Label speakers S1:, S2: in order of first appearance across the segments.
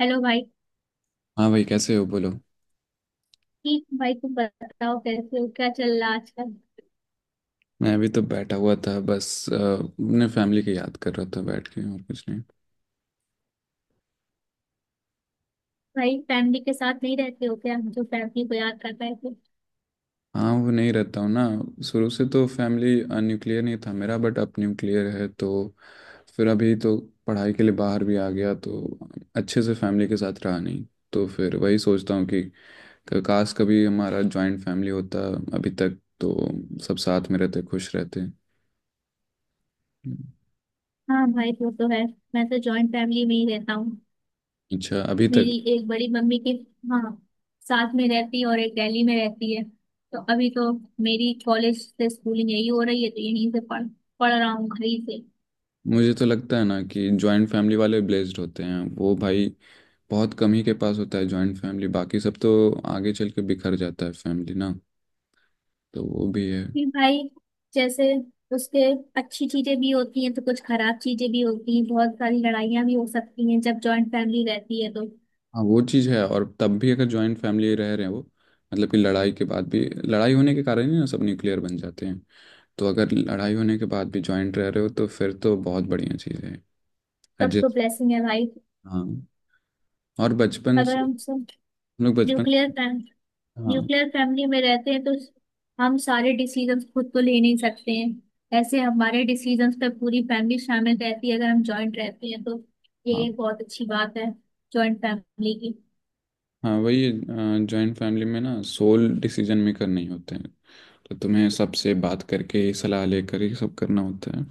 S1: Hello भाई।
S2: हाँ भाई कैसे हो बोलो।
S1: ठीक भाई तुम बताओ कैसे हो, क्या चल रहा है आजकल।
S2: मैं अभी तो बैठा हुआ था बस अपने फैमिली की याद कर रहा था बैठ के, और कुछ नहीं।
S1: भाई फैमिली के साथ नहीं रहते हो क्या, जो फैमिली को याद करता है तो।
S2: हाँ वो नहीं रहता हूँ ना। शुरू से तो फैमिली न्यूक्लियर नहीं था मेरा, बट अब न्यूक्लियर है। तो फिर अभी तो पढ़ाई के लिए बाहर भी आ गया, तो अच्छे से फैमिली के साथ रहा नहीं। तो फिर वही सोचता हूँ कि काश कभी हमारा जॉइंट फैमिली होता। अभी तक तो सब साथ में रहते, खुश रहते।
S1: हाँ भाई वो तो है। मैं तो जॉइंट फैमिली में ही रहता हूँ।
S2: अच्छा अभी तक।
S1: मेरी एक बड़ी मम्मी के, हाँ, साथ में रहती है और एक दिल्ली में रहती है। तो अभी तो मेरी कॉलेज से स्कूलिंग यही हो रही है, तो यहीं से पढ़ पढ़ रहा हूँ घर ही से।
S2: मुझे तो लगता है ना कि जॉइंट फैमिली वाले ब्लेस्ड होते हैं वो भाई। बहुत कम ही के पास होता है जॉइंट फैमिली, बाकी सब तो आगे चल के बिखर जाता है फैमिली ना। तो वो भी है।
S1: फिर भाई जैसे उसके अच्छी चीजें भी होती हैं तो कुछ खराब चीजें भी होती हैं। बहुत सारी लड़ाइयाँ भी हो सकती हैं जब जॉइंट फैमिली रहती है तो।
S2: हाँ वो चीज़ है। और तब भी अगर जॉइंट फैमिली रह रहे हैं वो, मतलब कि लड़ाई के बाद भी, लड़ाई होने के कारण ही ना सब न्यूक्लियर बन जाते हैं। तो अगर लड़ाई होने के बाद भी जॉइंट रह रहे हो, तो फिर तो बहुत बढ़िया चीज़ है।
S1: तब तो
S2: एडजस्ट।
S1: ब्लेसिंग है भाई।
S2: हाँ। और बचपन
S1: अगर
S2: से
S1: हम सब
S2: हम लोग बचपन।
S1: न्यूक्लियर फैम,
S2: हाँ
S1: न्यूक्लियर फैमिली में रहते हैं तो हम सारे डिसीजंस खुद तो ले नहीं सकते हैं। ऐसे हमारे डिसीजंस पे पूरी फैमिली शामिल रहती है अगर हम जॉइंट रहते हैं तो। ये
S2: हाँ
S1: एक बहुत अच्छी बात है जॉइंट फैमिली की।
S2: हाँ। वही। जॉइंट फैमिली में ना सोल डिसीजन मेकर नहीं होते हैं। तो तुम्हें सबसे बात करके, सलाह लेकर ही सब करना होता है।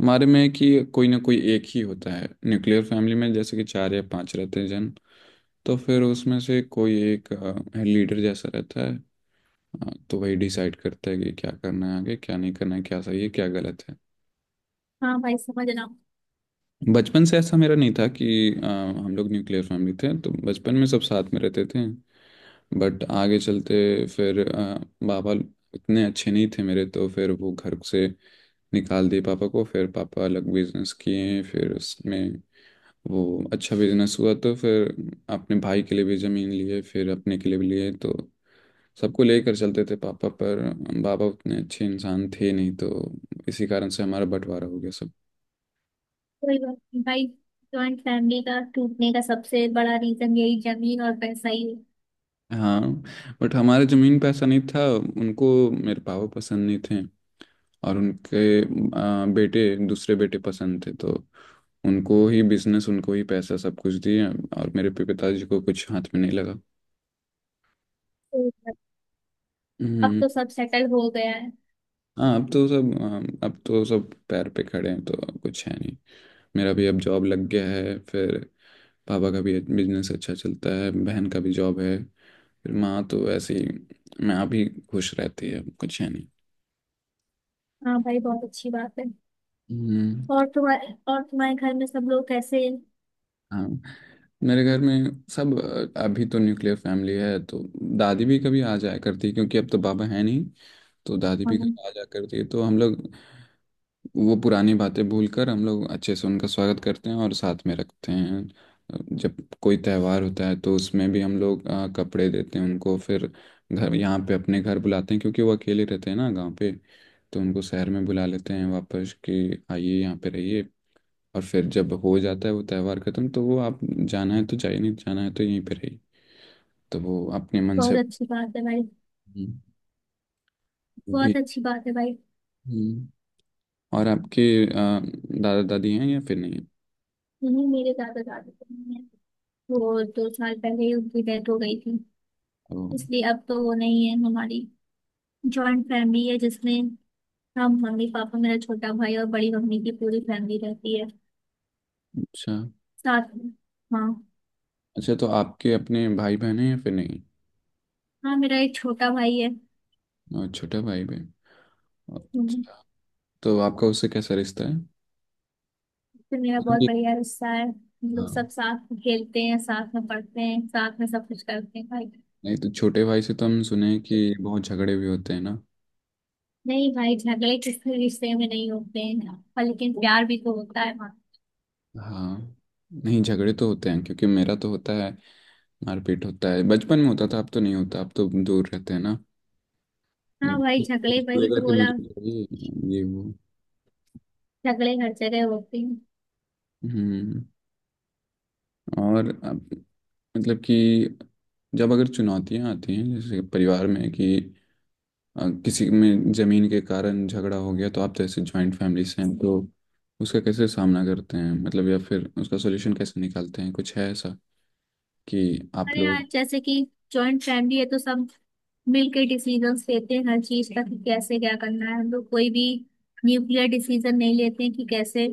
S2: हमारे में कि कोई ना कोई एक ही होता है। न्यूक्लियर फैमिली में जैसे कि चार या पांच रहते हैं जन, तो फिर उसमें से कोई एक लीडर जैसा रहता है। तो वही डिसाइड करता है कि क्या करना है आगे, क्या नहीं करना है, क्या सही है क्या गलत है।
S1: हाँ भाई समझ रहा हूँ।
S2: बचपन से ऐसा मेरा नहीं था कि हम लोग न्यूक्लियर फैमिली थे, तो बचपन में सब साथ में रहते थे। बट आगे चलते फिर बाबा उतने अच्छे नहीं थे मेरे, तो फिर वो घर से निकाल दिए पापा को। फिर पापा अलग बिजनेस किए, फिर उसमें वो अच्छा बिजनेस हुआ। तो फिर अपने भाई के लिए भी ज़मीन लिए, फिर अपने के लिए भी लिए। तो सबको लेकर चलते थे पापा, पर बाबा उतने अच्छे इंसान थे नहीं। तो इसी कारण से हमारा बंटवारा हो गया सब।
S1: कोई बात नहीं भाई। जॉइंट फैमिली का टूटने का सबसे बड़ा रीजन यही जमीन और पैसा ही है।
S2: हाँ। बट हमारे ज़मीन पे ऐसा नहीं था, उनको मेरे पापा पसंद नहीं थे। और उनके बेटे, दूसरे बेटे पसंद थे। तो उनको ही बिजनेस, उनको ही पैसा सब कुछ दिए, और मेरे पिताजी को कुछ हाथ में नहीं लगा।
S1: तो अब
S2: हम्म,
S1: तो सब सेटल हो गया है।
S2: हाँ अब तो सब पैर पे खड़े हैं, तो अब कुछ है नहीं। मेरा भी अब जॉब लग गया है। फिर पापा का भी बिजनेस अच्छा चलता है, बहन का भी जॉब है। फिर माँ तो वैसे ही, माँ भी खुश रहती है, अब कुछ है नहीं।
S1: हाँ भाई बहुत अच्छी बात है।
S2: हम्म।
S1: और तुम्हारे घर में सब लोग कैसे हैं?
S2: हाँ मेरे घर में सब, अभी तो न्यूक्लियर फैमिली है। तो दादी भी कभी आ जाया करती है, क्योंकि अब तो बाबा है नहीं। तो दादी भी
S1: हाँ,
S2: कभी आ जाया करती है, तो हम लोग वो पुरानी बातें भूलकर, हम लोग अच्छे से उनका स्वागत करते हैं और साथ में रखते हैं। जब कोई त्यौहार होता है तो उसमें भी हम लोग कपड़े देते हैं उनको। फिर घर यहाँ पे अपने घर बुलाते हैं, क्योंकि वो अकेले रहते हैं ना गांव पे। तो उनको शहर में बुला लेते हैं वापस कि आइए यहाँ पे रहिए। और फिर जब हो जाता है वो त्यौहार खत्म, तो वो आप, जाना है तो जाइए, नहीं तो जाना है तो यहीं पे रहिए। तो वो अपने मन
S1: बहुत
S2: से
S1: अच्छी बात है भाई।
S2: भी।
S1: बहुत अच्छी बात है भाई।
S2: और आपके दादा दादी हैं या फिर नहीं?
S1: नहीं, मेरे दादा दादी तो नहीं है। वो 2 साल पहले ही उनकी डेथ हो गई थी।
S2: ओ,
S1: इसलिए अब तो वो नहीं है। हमारी जॉइंट फैमिली है जिसमें हम मम्मी पापा मेरा छोटा भाई और बड़ी मम्मी की पूरी फैमिली रहती है
S2: अच्छा।
S1: साथ में। हाँ।
S2: अच्छा तो आपके अपने भाई बहन हैं या फिर नहीं?
S1: हाँ मेरा एक छोटा भाई है।
S2: और छोटा भाई बहन।
S1: हम्म।
S2: अच्छा। तो आपका उससे कैसा रिश्ता है?
S1: फिर मेरा
S2: मतलब
S1: बहुत
S2: कि-
S1: बढ़िया रिश्ता है। हम लोग
S2: हाँ।
S1: सब साथ में खेलते हैं, साथ में पढ़ते हैं, साथ में सब कुछ करते हैं भाई।
S2: नहीं तो छोटे भाई से तो हम सुने हैं कि बहुत झगड़े भी होते हैं ना?
S1: नहीं भाई झगड़े किसी रिश्ते में नहीं होते हैं पर लेकिन प्यार भी तो होता है।
S2: हाँ। नहीं झगड़े तो होते हैं, क्योंकि मेरा तो होता है। मारपीट होता है, बचपन में होता था, अब तो नहीं होता, अब तो दूर रहते हैं ना।
S1: हाँ भाई
S2: हम्म,
S1: झगड़े वही
S2: बोलेगा
S1: तो
S2: कि
S1: बोला।
S2: मुझे चाहिए, ये वो।
S1: झगड़े हर जगह होते हैं।
S2: हम्म और अब, मतलब कि जब अगर चुनौतियां आती हैं जैसे परिवार में कि किसी में जमीन के कारण झगड़ा हो गया, तो आप जैसे ज्वाइंट फैमिली से हैं, तो उसका कैसे सामना करते हैं, मतलब या फिर उसका सोल्यूशन कैसे निकालते हैं, कुछ है ऐसा कि आप
S1: हमारे यहाँ
S2: लोग?
S1: जैसे कि जॉइंट फैमिली है तो सब मिलके डिसीजंस लेते हैं हर चीज का कि कैसे क्या करना है। हम लोग कोई भी न्यूक्लियर डिसीजन नहीं लेते हैं कि कैसे।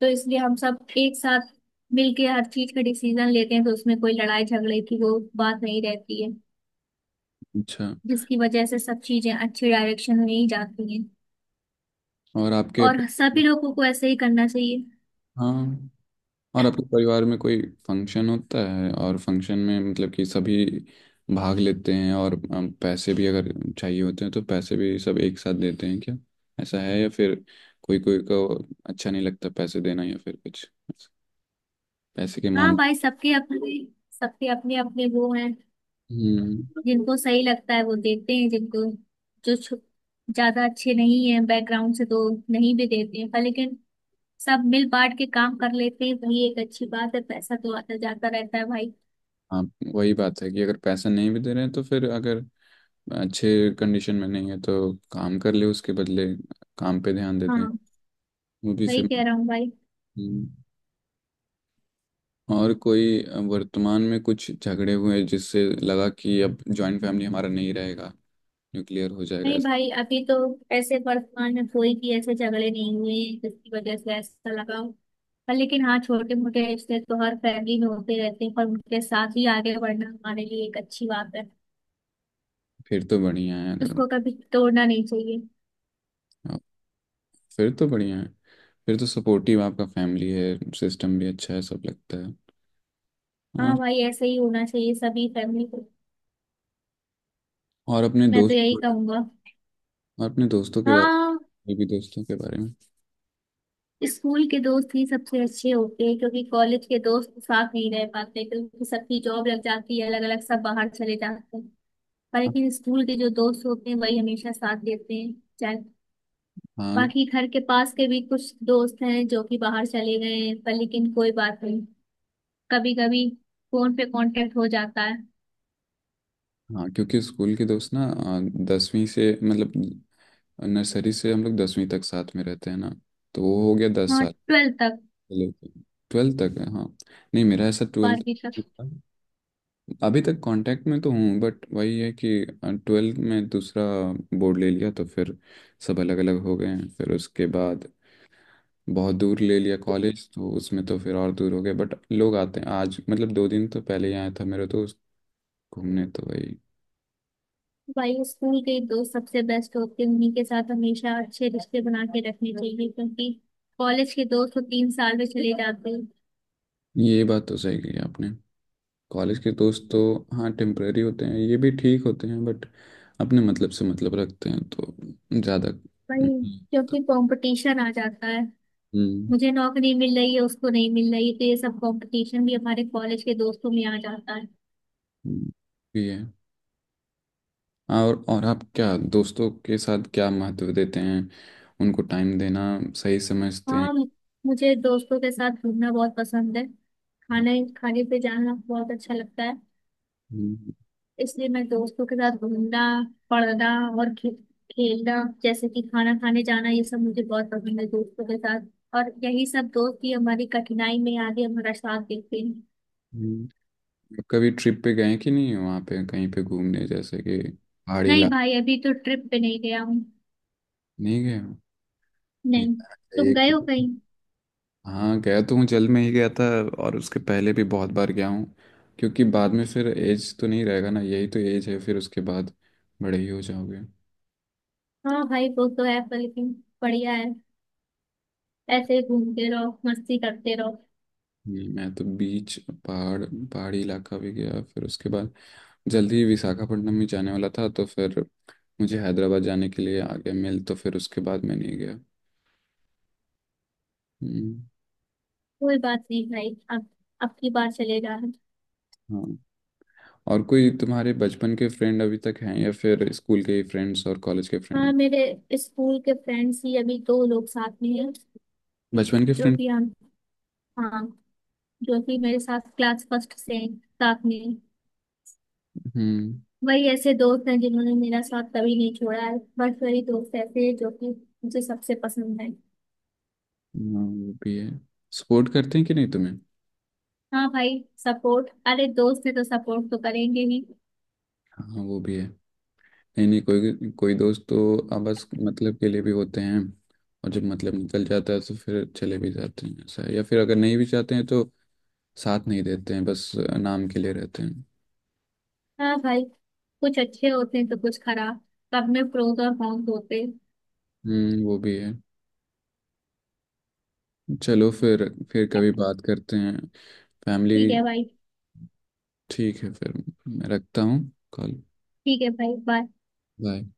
S1: तो इसलिए हम सब एक साथ मिलके हर चीज का डिसीजन लेते हैं तो उसमें कोई लड़ाई झगड़े की वो बात नहीं रहती है।
S2: अच्छा।
S1: जिसकी वजह से सब चीजें अच्छी डायरेक्शन में ही जाती हैं।
S2: और आपके,
S1: और सभी लोगों को ऐसे ही करना चाहिए।
S2: हाँ, और आपके परिवार में कोई फंक्शन होता है, और फंक्शन में मतलब कि सभी भाग लेते हैं और पैसे भी अगर चाहिए होते हैं, तो पैसे भी सब एक साथ देते हैं क्या? ऐसा है या फिर कोई कोई को अच्छा नहीं लगता पैसे देना या फिर कुछ पैसे के
S1: हाँ भाई सबके अपने, सबके अपने अपने वो हैं।
S2: मामले?
S1: जिनको सही लगता है वो देते हैं। जो छु- ज्यादा अच्छे नहीं है बैकग्राउंड से तो नहीं भी देते हैं, पर लेकिन सब मिल बांट के काम कर लेते हैं। वही एक अच्छी बात है। पैसा तो आता जाता रहता है भाई।
S2: हाँ वही बात है कि अगर पैसा नहीं भी दे रहे हैं, तो फिर अगर अच्छे कंडीशन में नहीं है तो काम कर ले उसके बदले, काम पे ध्यान देते हैं।
S1: हाँ
S2: मूवी से।
S1: वही कह रहा हूँ भाई।
S2: हम्म। और कोई वर्तमान में कुछ झगड़े हुए जिससे लगा कि अब जॉइंट फैमिली हमारा नहीं रहेगा, न्यूक्लियर हो जाएगा?
S1: नहीं भाई अभी तो ऐसे वर्तमान में कोई भी ऐसे झगड़े नहीं हुए हैं जिसकी वजह से ऐसा लगा हो। पर लेकिन हाँ, छोटे मोटे रिश्ते तो हर फैमिली में होते रहते हैं, पर उनके साथ ही आगे बढ़ना हमारे लिए एक अच्छी बात है।
S2: फिर तो बढ़िया है अगर।
S1: उसको कभी तोड़ना नहीं चाहिए।
S2: हाँ, फिर तो बढ़िया है। फिर तो सपोर्टिव आपका फैमिली है, सिस्टम भी अच्छा है सब लगता है। हाँ।
S1: हाँ भाई ऐसे ही होना चाहिए सभी फैमिली को।
S2: और अपने
S1: मैं तो
S2: दोस्त,
S1: यही
S2: और
S1: कहूंगा।
S2: अपने दोस्तों के बारे
S1: हाँ,
S2: में भी, दोस्तों के बारे में।
S1: स्कूल के दोस्त ही सबसे अच्छे होते हैं क्योंकि कॉलेज के दोस्त साथ नहीं रह पाते क्योंकि सबकी जॉब लग जाती है, अलग अलग सब बाहर चले जाते हैं। पर लेकिन स्कूल के जो दोस्त होते हैं वही हमेशा साथ देते हैं, चाहे।
S2: हाँ
S1: बाकी घर के पास के भी कुछ दोस्त हैं जो कि बाहर चले गए हैं पर लेकिन कोई बात नहीं, कभी कभी फोन पे कांटेक्ट हो जाता है।
S2: हाँ। क्योंकि स्कूल के दोस्त ना 10वीं से मतलब, नर्सरी से हम लोग 10वीं तक साथ में रहते हैं ना। तो वो हो गया दस
S1: हाँ
S2: साल
S1: ट्वेल्थ तक।
S2: 12th तक है, हाँ। नहीं मेरा ऐसा 12th,
S1: बारहवीं तक।
S2: अभी तक कांटेक्ट में तो हूँ, बट वही है कि 12th में दूसरा बोर्ड ले लिया, तो फिर सब अलग अलग हो गए हैं। फिर उसके बाद बहुत दूर ले लिया कॉलेज, तो उसमें तो फिर और दूर हो गए। बट लोग आते हैं, आज मतलब 2 दिन तो पहले ही आया था मेरा दोस्त घूमने, तो वही।
S1: भाई स्कूल के ही दोस्त सबसे बेस्ट होते हैं। उन्हीं के साथ हमेशा अच्छे रिश्ते बना के रखने चाहिए क्योंकि कॉलेज के दोस्त तो 3 साल में चले जाते हैं
S2: ये बात तो सही कही आपने। कॉलेज के दोस्त तो, हाँ, टेम्परेरी होते हैं, ये भी ठीक होते हैं, बट अपने मतलब से मतलब रखते हैं, तो ज़्यादा
S1: भाई।
S2: नहीं होता।
S1: क्योंकि कंपटीशन आ जाता है।
S2: हम्म।
S1: मुझे नौकरी मिल रही है उसको नहीं मिल रही, तो ये सब कंपटीशन भी हमारे कॉलेज के दोस्तों में आ जाता है।
S2: हम्म, ये है। और आप क्या दोस्तों के साथ क्या महत्व देते हैं? उनको टाइम देना सही समझते हैं?
S1: हाँ, मुझे दोस्तों के साथ घूमना बहुत पसंद है। खाने खाने पे जाना बहुत अच्छा लगता है।
S2: हम्म,
S1: इसलिए मैं दोस्तों के साथ घूमना, पढ़ना और खेलना, जैसे कि खाना खाने जाना, ये सब मुझे बहुत पसंद है दोस्तों के साथ। और यही सब दोस्त ही हमारी कठिनाई में आगे हमारा साथ देते हैं।
S2: हम्म। कभी ट्रिप पे गए कि नहीं वहाँ पे कहीं पे घूमने, जैसे कि पहाड़ी
S1: नहीं
S2: इलाके?
S1: भाई अभी तो ट्रिप पे नहीं गया हूँ।
S2: नहीं गए हो? नहीं
S1: नहीं।
S2: जाना
S1: तुम
S2: चाहिए।
S1: गए हो कहीं।
S2: हाँ गया तो हूँ, जल में ही गया था, और उसके पहले भी बहुत बार गया हूँ। क्योंकि बाद में फिर एज तो नहीं रहेगा ना, यही तो एज है, फिर उसके बाद बड़े ही हो जाओगे।
S1: हाँ भाई वो तो है पर लेकिन बढ़िया है, ऐसे ही घूमते रहो मस्ती करते रहो।
S2: नहीं, मैं तो बीच, पहाड़, पहाड़ी इलाका भी गया। फिर उसके बाद जल्दी ही विशाखापट्टनम भी जाने वाला था, तो फिर मुझे हैदराबाद जाने के लिए आ गया मिल, तो फिर उसके बाद मैं नहीं गया। हम्म,
S1: कोई बात नहीं भाई, अब की बार चलेगा।
S2: हाँ। और कोई तुम्हारे बचपन के फ्रेंड अभी तक हैं, या फिर स्कूल के ही फ्रेंड्स और कॉलेज के फ्रेंड
S1: हाँ
S2: हैं?
S1: मेरे स्कूल के फ्रेंड्स ही अभी 2 लोग साथ में हैं,
S2: बचपन के
S1: जो
S2: फ्रेंड।
S1: कि हम, हाँ, जो कि मेरे साथ क्लास फर्स्ट से हैं, साथ में हैं।
S2: हम्म।
S1: वही ऐसे दोस्त हैं जिन्होंने मेरा साथ कभी नहीं छोड़ा है। बस वही दोस्त ऐसे हैं जो कि मुझे सबसे पसंद है।
S2: हाँ वो भी है। सपोर्ट करते हैं कि नहीं तुम्हें?
S1: हाँ भाई सपोर्ट, अरे दोस्त है तो सपोर्ट तो करेंगे ही।
S2: हाँ वो भी है। नहीं नहीं, कोई कोई दोस्त तो आपस मतलब के लिए भी होते हैं। और जब मतलब निकल जाता है तो फिर चले भी जाते हैं, ऐसा है। या फिर अगर नहीं भी चाहते हैं तो साथ नहीं देते हैं, बस नाम के लिए रहते हैं।
S1: हाँ भाई कुछ अच्छे होते हैं तो कुछ खराब। सब में प्रोज और कॉन्स होते हैं।
S2: हम्म, वो भी है। चलो फिर कभी बात करते हैं। फैमिली।
S1: ठीक है भाई।
S2: ठीक है फिर, मैं रखता हूँ कॉल।
S1: ठीक है भाई, बाय।
S2: बाय।